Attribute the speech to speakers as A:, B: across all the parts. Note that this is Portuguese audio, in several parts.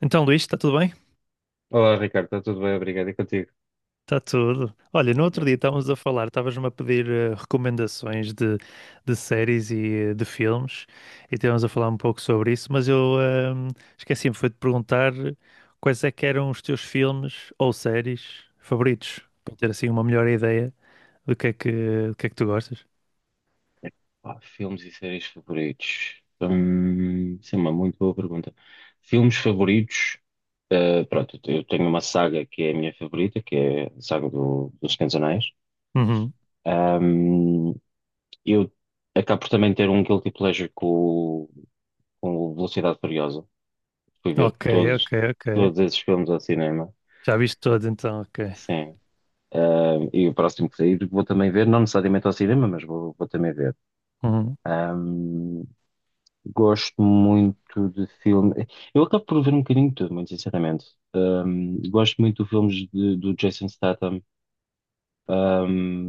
A: Então, Luís, está tudo bem?
B: Olá, Ricardo, está tudo bem? Obrigado. E contigo?
A: Está tudo. Olha, no outro
B: Bom,
A: dia estávamos a falar, estavas-me a pedir recomendações de séries e de filmes, e estávamos a falar um pouco sobre isso, mas eu esqueci-me, foi de perguntar quais é que eram os teus filmes ou séries favoritos, para ter assim uma melhor ideia do que é que tu gostas.
B: pá, filmes e séries favoritos. Sim, uma muito boa pergunta. Filmes favoritos, pronto, eu tenho uma saga que é a minha favorita, que é a saga dos Senhor dos Anéis.
A: Uhum.
B: Hum, eu acabo por também ter um guilty pleasure com, o- com o Velocidade Furiosa. Fui ver
A: Ok, ok,
B: todos,
A: ok.
B: todos esses filmes ao cinema.
A: Já viste todos então, ok.
B: Sim. E o próximo que sair vou também ver, não necessariamente ao cinema, mas vou também ver.
A: Uhum.
B: Hum. Gosto muito de filme. Eu acabo por ver um bocadinho de tudo, muito sinceramente. Um, gosto muito de do Jason Statham.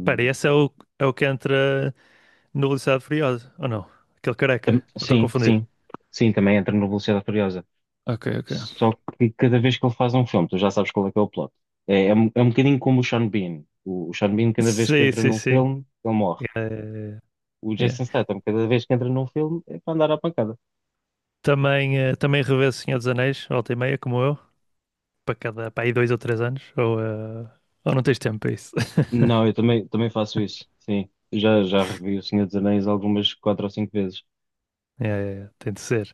A: Espera, e esse é o que entra no Velocidade Furiosa, ou não? Aquele careca? Ou estou a
B: sim,
A: confundir?
B: sim. Sim, também entra no Velocidade Furiosa.
A: Ok, ok.
B: Só que cada vez que ele faz um filme, tu já sabes qual é que é o plot. Um é um bocadinho como o Sean Bean. O Sean Bean, cada vez que
A: Sim,
B: entra
A: sim,
B: num
A: sim.
B: filme, ele morre.
A: Eh,
B: O
A: yeah.
B: Jason Statham, cada vez que entra num filme, é para andar à pancada.
A: Também, também revejo o Senhor dos Anéis, volta e meia, como eu, para aí dois ou três anos, ou ou não tens tempo para isso.
B: Não, eu também, também faço isso. Sim. Já revi O Senhor dos Anéis algumas quatro ou cinco vezes.
A: Yeah, yeah, yeah, tem de ser.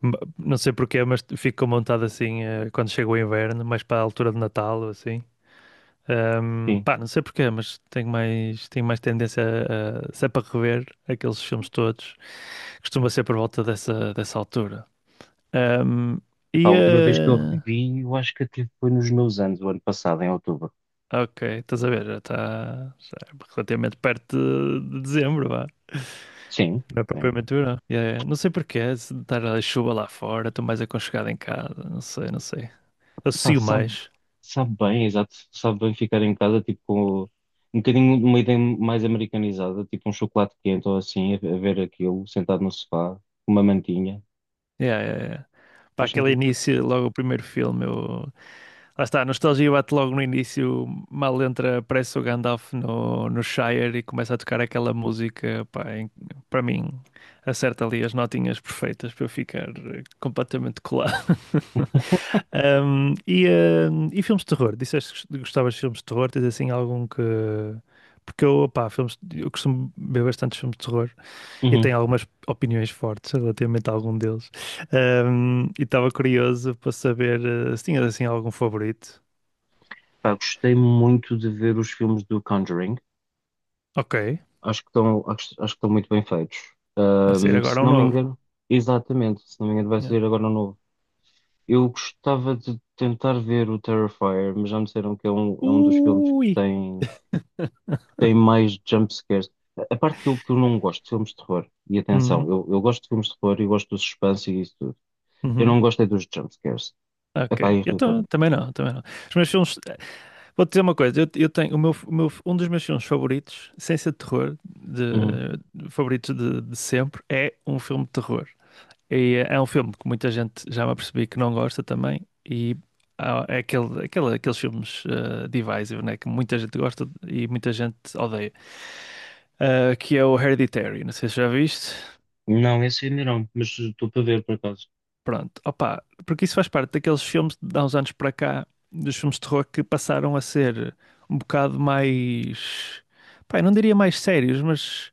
A: Não sei porquê, mas fico montado assim, quando chega o inverno, mais para a altura de Natal ou assim.
B: Sim.
A: Pá, não sei porquê, mas tenho mais tendência se é para rever aqueles filmes todos, costuma ser por volta dessa altura. Ahm,
B: Epá, a
A: e,
B: última vez que eu
A: eh,
B: revi, eu acho que até foi nos meus anos, o ano passado, em outubro.
A: Ok, estás a ver, já é relativamente perto de dezembro, vá.
B: Sim,
A: Não é
B: sim.
A: propriamente verão. Yeah, yeah. Não sei porquê, se estar a chuva lá fora, estou mais aconchegado em casa, não sei, não sei.
B: Epá,
A: Associo mais.
B: sabe bem, exato, sabe bem ficar em casa, tipo, com um bocadinho de uma ideia mais americanizada, tipo um chocolate quente ou assim, a ver aquilo, sentado no sofá, com uma mantinha.
A: Yeah, yeah, yeah. Para
B: Faz
A: aquele
B: sentido.
A: início, logo o primeiro filme, eu... lá está, a nostalgia bate logo no início, mal entra, aparece o Gandalf no Shire e começa a tocar aquela música, para mim, acerta ali as notinhas perfeitas para eu ficar completamente colado. Ahm, e, e filmes de terror? Disseste que gostavas de filmes de terror? Tens assim algum que. Porque eu, opá, filmes, eu costumo ver bastantes filmes de terror e
B: Uhum.
A: tenho algumas opiniões fortes relativamente a algum deles. E estava curioso para saber se tinhas assim algum favorito.
B: Pá, gostei muito de ver os filmes do Conjuring.
A: Ok,
B: Acho que estão muito bem feitos.
A: vai sair
B: Se
A: agora um
B: não me
A: novo.
B: engano, exatamente, se não me engano, vai
A: Yeah.
B: sair agora um novo. Eu gostava de tentar ver o Terrifier, mas já me disseram que é é um dos filmes
A: Ui!
B: que tem mais jump. A parte que eu não gosto de filmes de terror, e atenção,
A: Uhum,
B: eu gosto de filmes de terror e gosto do suspense e isso tudo. Eu
A: uhum,
B: não gosto é dos jump scares. Epá,
A: ok.
B: irrita-me.
A: Também não, também não. Os meus filmes, Vou-te dizer uma coisa, eu tenho um dos meus filmes favoritos, sem ser de terror,
B: Uhum.
A: favoritos de sempre, é um filme de terror. E é um filme que muita gente já me apercebi que não gosta também, e aqueles filmes divisive, né, que muita gente gosta e muita gente odeia. Eh, que é o Hereditary, não sei se já viste.
B: Não, esse ainda não, mas estou para ver por acaso.
A: Pronto, opa, porque isso faz parte daqueles filmes de há uns anos para cá, dos filmes de terror que passaram a ser um bocado mais, pá, eu não diria mais sérios, mas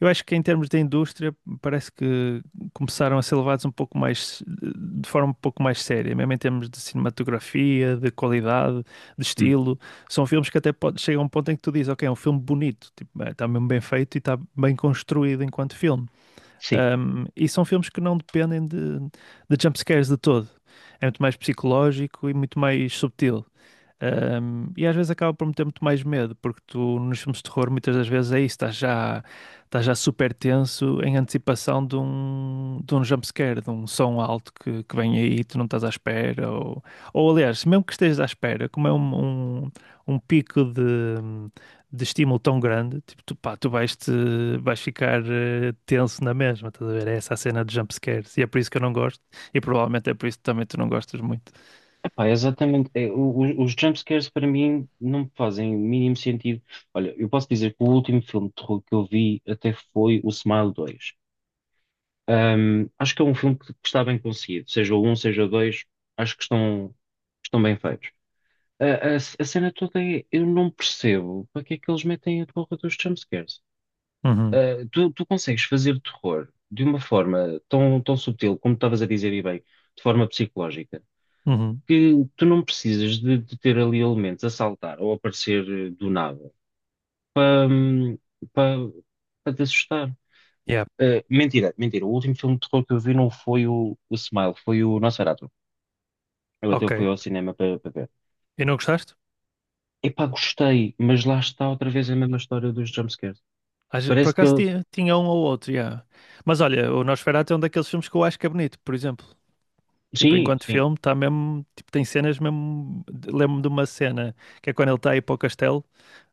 A: eu acho que em termos de indústria parece que começaram a ser levados um pouco mais, de forma um pouco mais séria, mesmo em termos de cinematografia, de qualidade, de
B: Hum.
A: estilo. São filmes que chegam a um ponto em que tu dizes, ok, é um filme bonito, tipo, é, está mesmo bem feito e está bem construído enquanto filme.
B: Sim,
A: Um, e são filmes que não dependem de jumpscares de todo. É muito mais psicológico e muito mais subtil. Um, e às vezes acaba por meter muito mais medo, porque tu nos filmes de terror muitas das vezes é isso, estás já super tenso em antecipação de um jumpscare, de um som alto que vem aí e tu não estás à espera. Ou Aliás, mesmo que estejas à espera, como é um pico de estímulo tão grande, tipo, tu, pá, tu vais, te, vais ficar tenso na mesma, estás a ver? É essa a cena de jumpscares e é por isso que eu não gosto e provavelmente é por isso que também tu não gostas muito.
B: epá, exatamente. Os jump para mim não me fazem o mínimo sentido. Olha, eu posso dizer que o último filme de terror que eu vi até foi o Smile 2. Um, acho que é um filme que está bem conseguido, seja o um, seja o dois, acho que estão, estão bem feitos. A, a cena toda é, eu não percebo para que é que eles metem a porra dos jumpscares.
A: Uhum,
B: Tu consegues fazer terror de uma forma tão subtil, como estavas a dizer e bem, de forma psicológica,
A: uhum.
B: que tu não precisas de ter ali elementos a saltar ou a aparecer do nada para, para, para te assustar.
A: Yeah.
B: Mentira, mentira. O último filme de terror que eu vi não foi o Smile, foi o Nosferatu. Eu até
A: Ok.
B: fui ao cinema para para ver.
A: E não gostaste?
B: Epá, gostei, mas lá está outra vez a mesma história dos jumpscares.
A: Por
B: Parece que
A: acaso
B: ele.
A: tinha um ou outro, já. Mas olha, o Nosferatu é um daqueles filmes que eu acho que é bonito, por exemplo. Tipo,
B: Sim,
A: enquanto
B: sim.
A: filme, está mesmo. Tipo, tem cenas mesmo. Lembro-me de uma cena que é quando ele está a ir para o castelo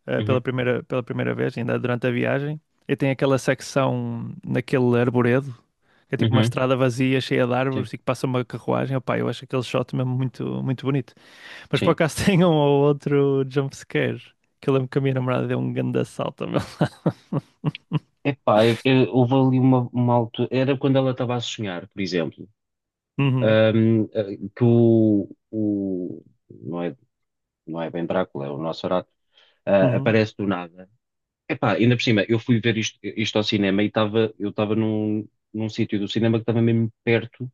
B: Uhum,
A: pela primeira vez, ainda durante a viagem. E tem aquela secção naquele arboredo, que é tipo uma
B: uhum,
A: estrada vazia, cheia de
B: sim,
A: árvores e que passa uma carruagem. Opá, eu acho aquele shot mesmo muito, muito bonito. Mas por
B: sim.
A: acaso tem um ou outro jumpscare, que eu lembro que a minha namorada deu um grande assalto ao meu lado.
B: Epá, houve ali uma altura. Era quando ela estava a sonhar, por exemplo.
A: Uhum,
B: Eh, que o. Não é, não é bem Drácula, é o Nosferatu. Ah,
A: uhum.
B: aparece do nada. Epá, ainda por cima, eu fui ver isto ao cinema e estava, eu estava num, num sítio do cinema que estava mesmo perto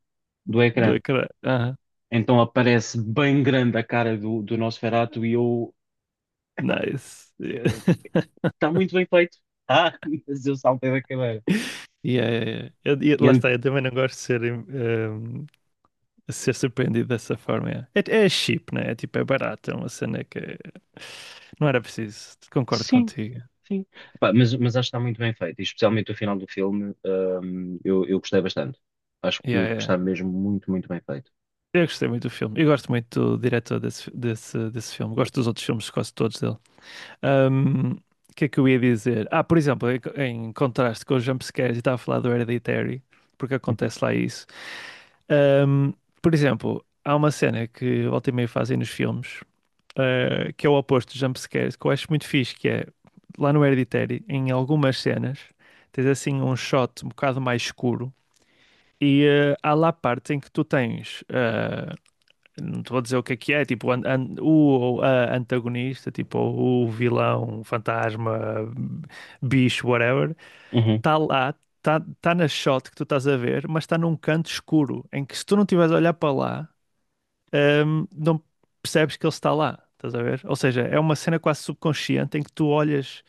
B: do
A: Da
B: ecrã.
A: cra... ah
B: Então aparece bem grande a cara do Nosferatu e eu, epá,
A: Nice.
B: está muito bem feito. Ah, mas eu saltei da cadeira.
A: Yeah, yeah, yeah.
B: E
A: Lá
B: ent-
A: está, eu também não gosto de ser, ser surpreendido dessa forma. Yeah. É, é cheap, né? É tipo, é barato, é uma cena que não era preciso. Concordo
B: sim,
A: contigo.
B: sim. Epá, mas acho que está muito bem feito, e especialmente o final do filme, eu gostei bastante. Acho
A: Yeah, yeah.
B: que
A: Yeah.
B: está mesmo muito, muito bem feito.
A: Eu gostei muito do filme. Eu gosto muito do diretor desse filme. Gosto dos outros filmes, quase todos dele. Ahm, O que é que eu ia dizer? Ah, por exemplo, em contraste com os jumpscares, eu estava a falar do Hereditary, porque
B: Uhum.
A: acontece lá isso. Ahm, por exemplo, há uma cena que volta e meia fazem nos filmes, ah, que é o oposto de jumpscares, que eu acho muito fixe, que é lá no Hereditary, em algumas cenas, tens assim um shot um bocado mais escuro. E ah, há lá partes em que tu tens, ah, não te vou dizer o que é, tipo antagonista, tipo o vilão, fantasma, bicho, whatever,
B: Uhum,
A: está lá, está tá tá na shot que tu estás a ver, mas está num canto escuro, em que se tu não estiveres a olhar para lá, não percebes que ele está lá, estás a ver? Ou seja, é uma cena quase subconsciente em que tu olhas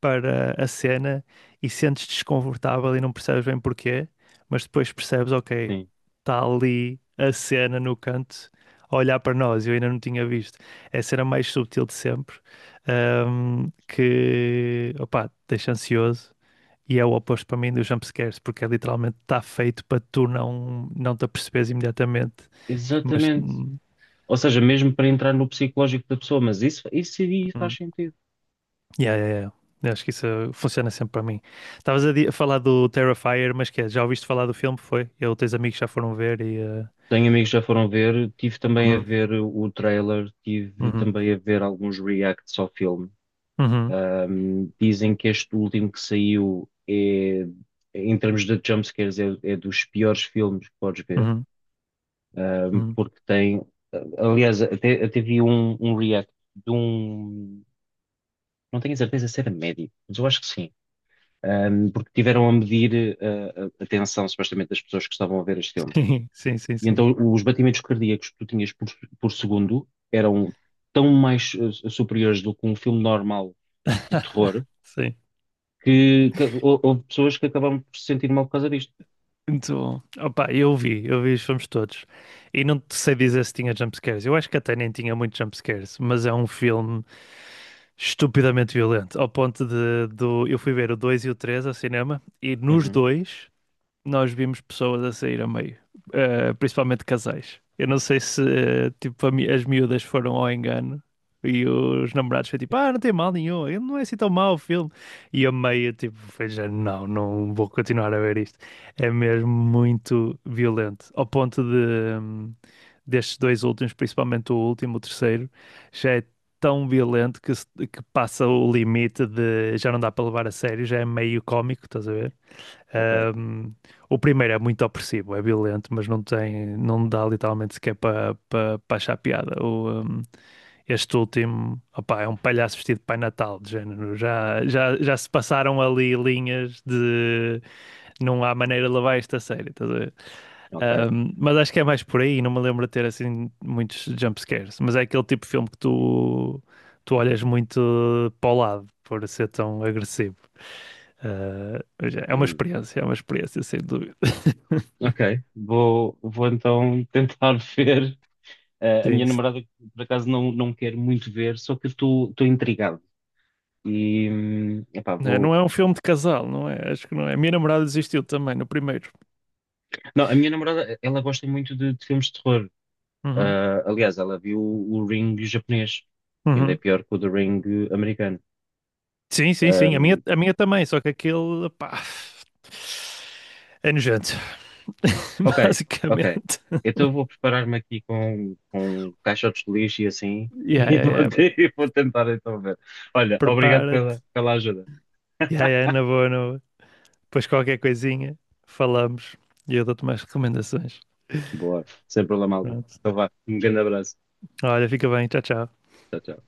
A: para a cena e sentes desconfortável e não percebes bem porquê, mas depois percebes, ok,
B: sim.
A: está ali a cena no canto a olhar para nós, eu ainda não tinha visto. É a cena mais subtil de sempre, que, opá, deixa ansioso. E é o oposto para mim dos jumpscares, porque é literalmente está feito para tu não te aperceberes imediatamente. Mas
B: Exatamente. Ou seja, mesmo para entrar no psicológico da pessoa, mas isso aí faz
A: hum.
B: sentido.
A: Yeah, yeah, yeah. Eu acho que isso funciona sempre para mim. Estavas a falar do Terrifier, mas que é, já ouviste falar do filme? Foi? Eu, teus amigos já foram ver e. Eh,
B: Tenho amigos que já foram ver, tive também a
A: uhum,
B: ver o trailer, tive
A: uhum,
B: também a ver alguns reacts ao filme.
A: uhum,
B: Dizem que este último que saiu é, em termos de jumpscares, é dos piores filmes que podes ver,
A: uhum, uhum.
B: porque tem, aliás, até vi um react de um, não tenho a certeza se era médico, mas eu acho que sim um, porque tiveram a medir a tensão, supostamente, das pessoas que estavam a ver este filme.
A: Sim, sim, sim,
B: E
A: sim.
B: então os batimentos cardíacos que tu tinhas por segundo eram tão mais superiores do que um filme normal de terror,
A: Sim.
B: que houve pessoas que acabaram por se sentir mal por causa disto.
A: Então, opa, eu vi os filmes todos. E não te sei dizer se tinha jumpscares. Eu acho que até nem tinha muitos jumpscares, mas é um filme estupidamente violento. Ao ponto eu fui ver o 2 e o 3 ao cinema e nos
B: Uhum,
A: dois. Nós vimos pessoas a sair a meio, eh, principalmente casais. Eu não sei se eh, tipo, as miúdas foram ao engano e os namorados foi tipo, ah, não tem mal nenhum, ele não é assim tão mau o filme. E a meio, tipo, foi já, não, não vou continuar a ver isto. É mesmo muito violento, ao ponto de hum, destes dois últimos, principalmente o último, o terceiro, já é tão violento que, se- que passa o limite de já não dá para levar a sério, já é meio cómico, estás a ver?
B: ok,
A: Um, o primeiro é muito opressivo, é violento, mas não tem, não dá literalmente sequer para achar piada. Este último, opá, é um palhaço vestido de Pai Natal, de género. Já se passaram ali linhas de não há maneira de levar esta a sério, estás a ver?
B: ok.
A: Um, mas acho que é mais por aí, não me lembro de ter assim muitos jumpscares. Mas é aquele tipo de filme que tu olhas muito para o lado por ser tão agressivo. Ah, mas é uma
B: Hum,
A: experiência, é uma experiência, sem dúvida.
B: ok, vou, vou então tentar ver. Eh, a
A: Sim.
B: minha
A: se-
B: namorada, por acaso, não, não quer muito ver, só que eu estou intrigado. E, epá,
A: Não é não
B: vou.
A: é um filme de casal, não é? Acho que não é. A minha namorada desistiu também no primeiro.
B: Não, a minha namorada, ela gosta muito de filmes de terror.
A: Uhum,
B: Ah, aliás, ela viu o Ring japonês, que ainda é
A: uhum.
B: pior que o The Ring americano.
A: Sim, sim, sim.
B: Ahm,
A: A minha também, só que aquele, pá, é nojento.
B: ok, ok.
A: Basicamente.
B: Então eu vou preparar-me aqui com caixotes de lixo e assim,
A: Yeah,
B: e
A: yeah, yeah.
B: e vou tentar então ver. Olha, obrigado
A: Prepara-te.
B: pela, pela ajuda.
A: Yeah, yeah, na boa, na boa. Depois qualquer coisinha, falamos e eu dou-te mais recomendações.
B: Boa, sem problema algum.
A: Pronto.
B: Então vá, um grande abraço.
A: Olha, fica bem. Tchau, tchau.
B: Tchau, tchau.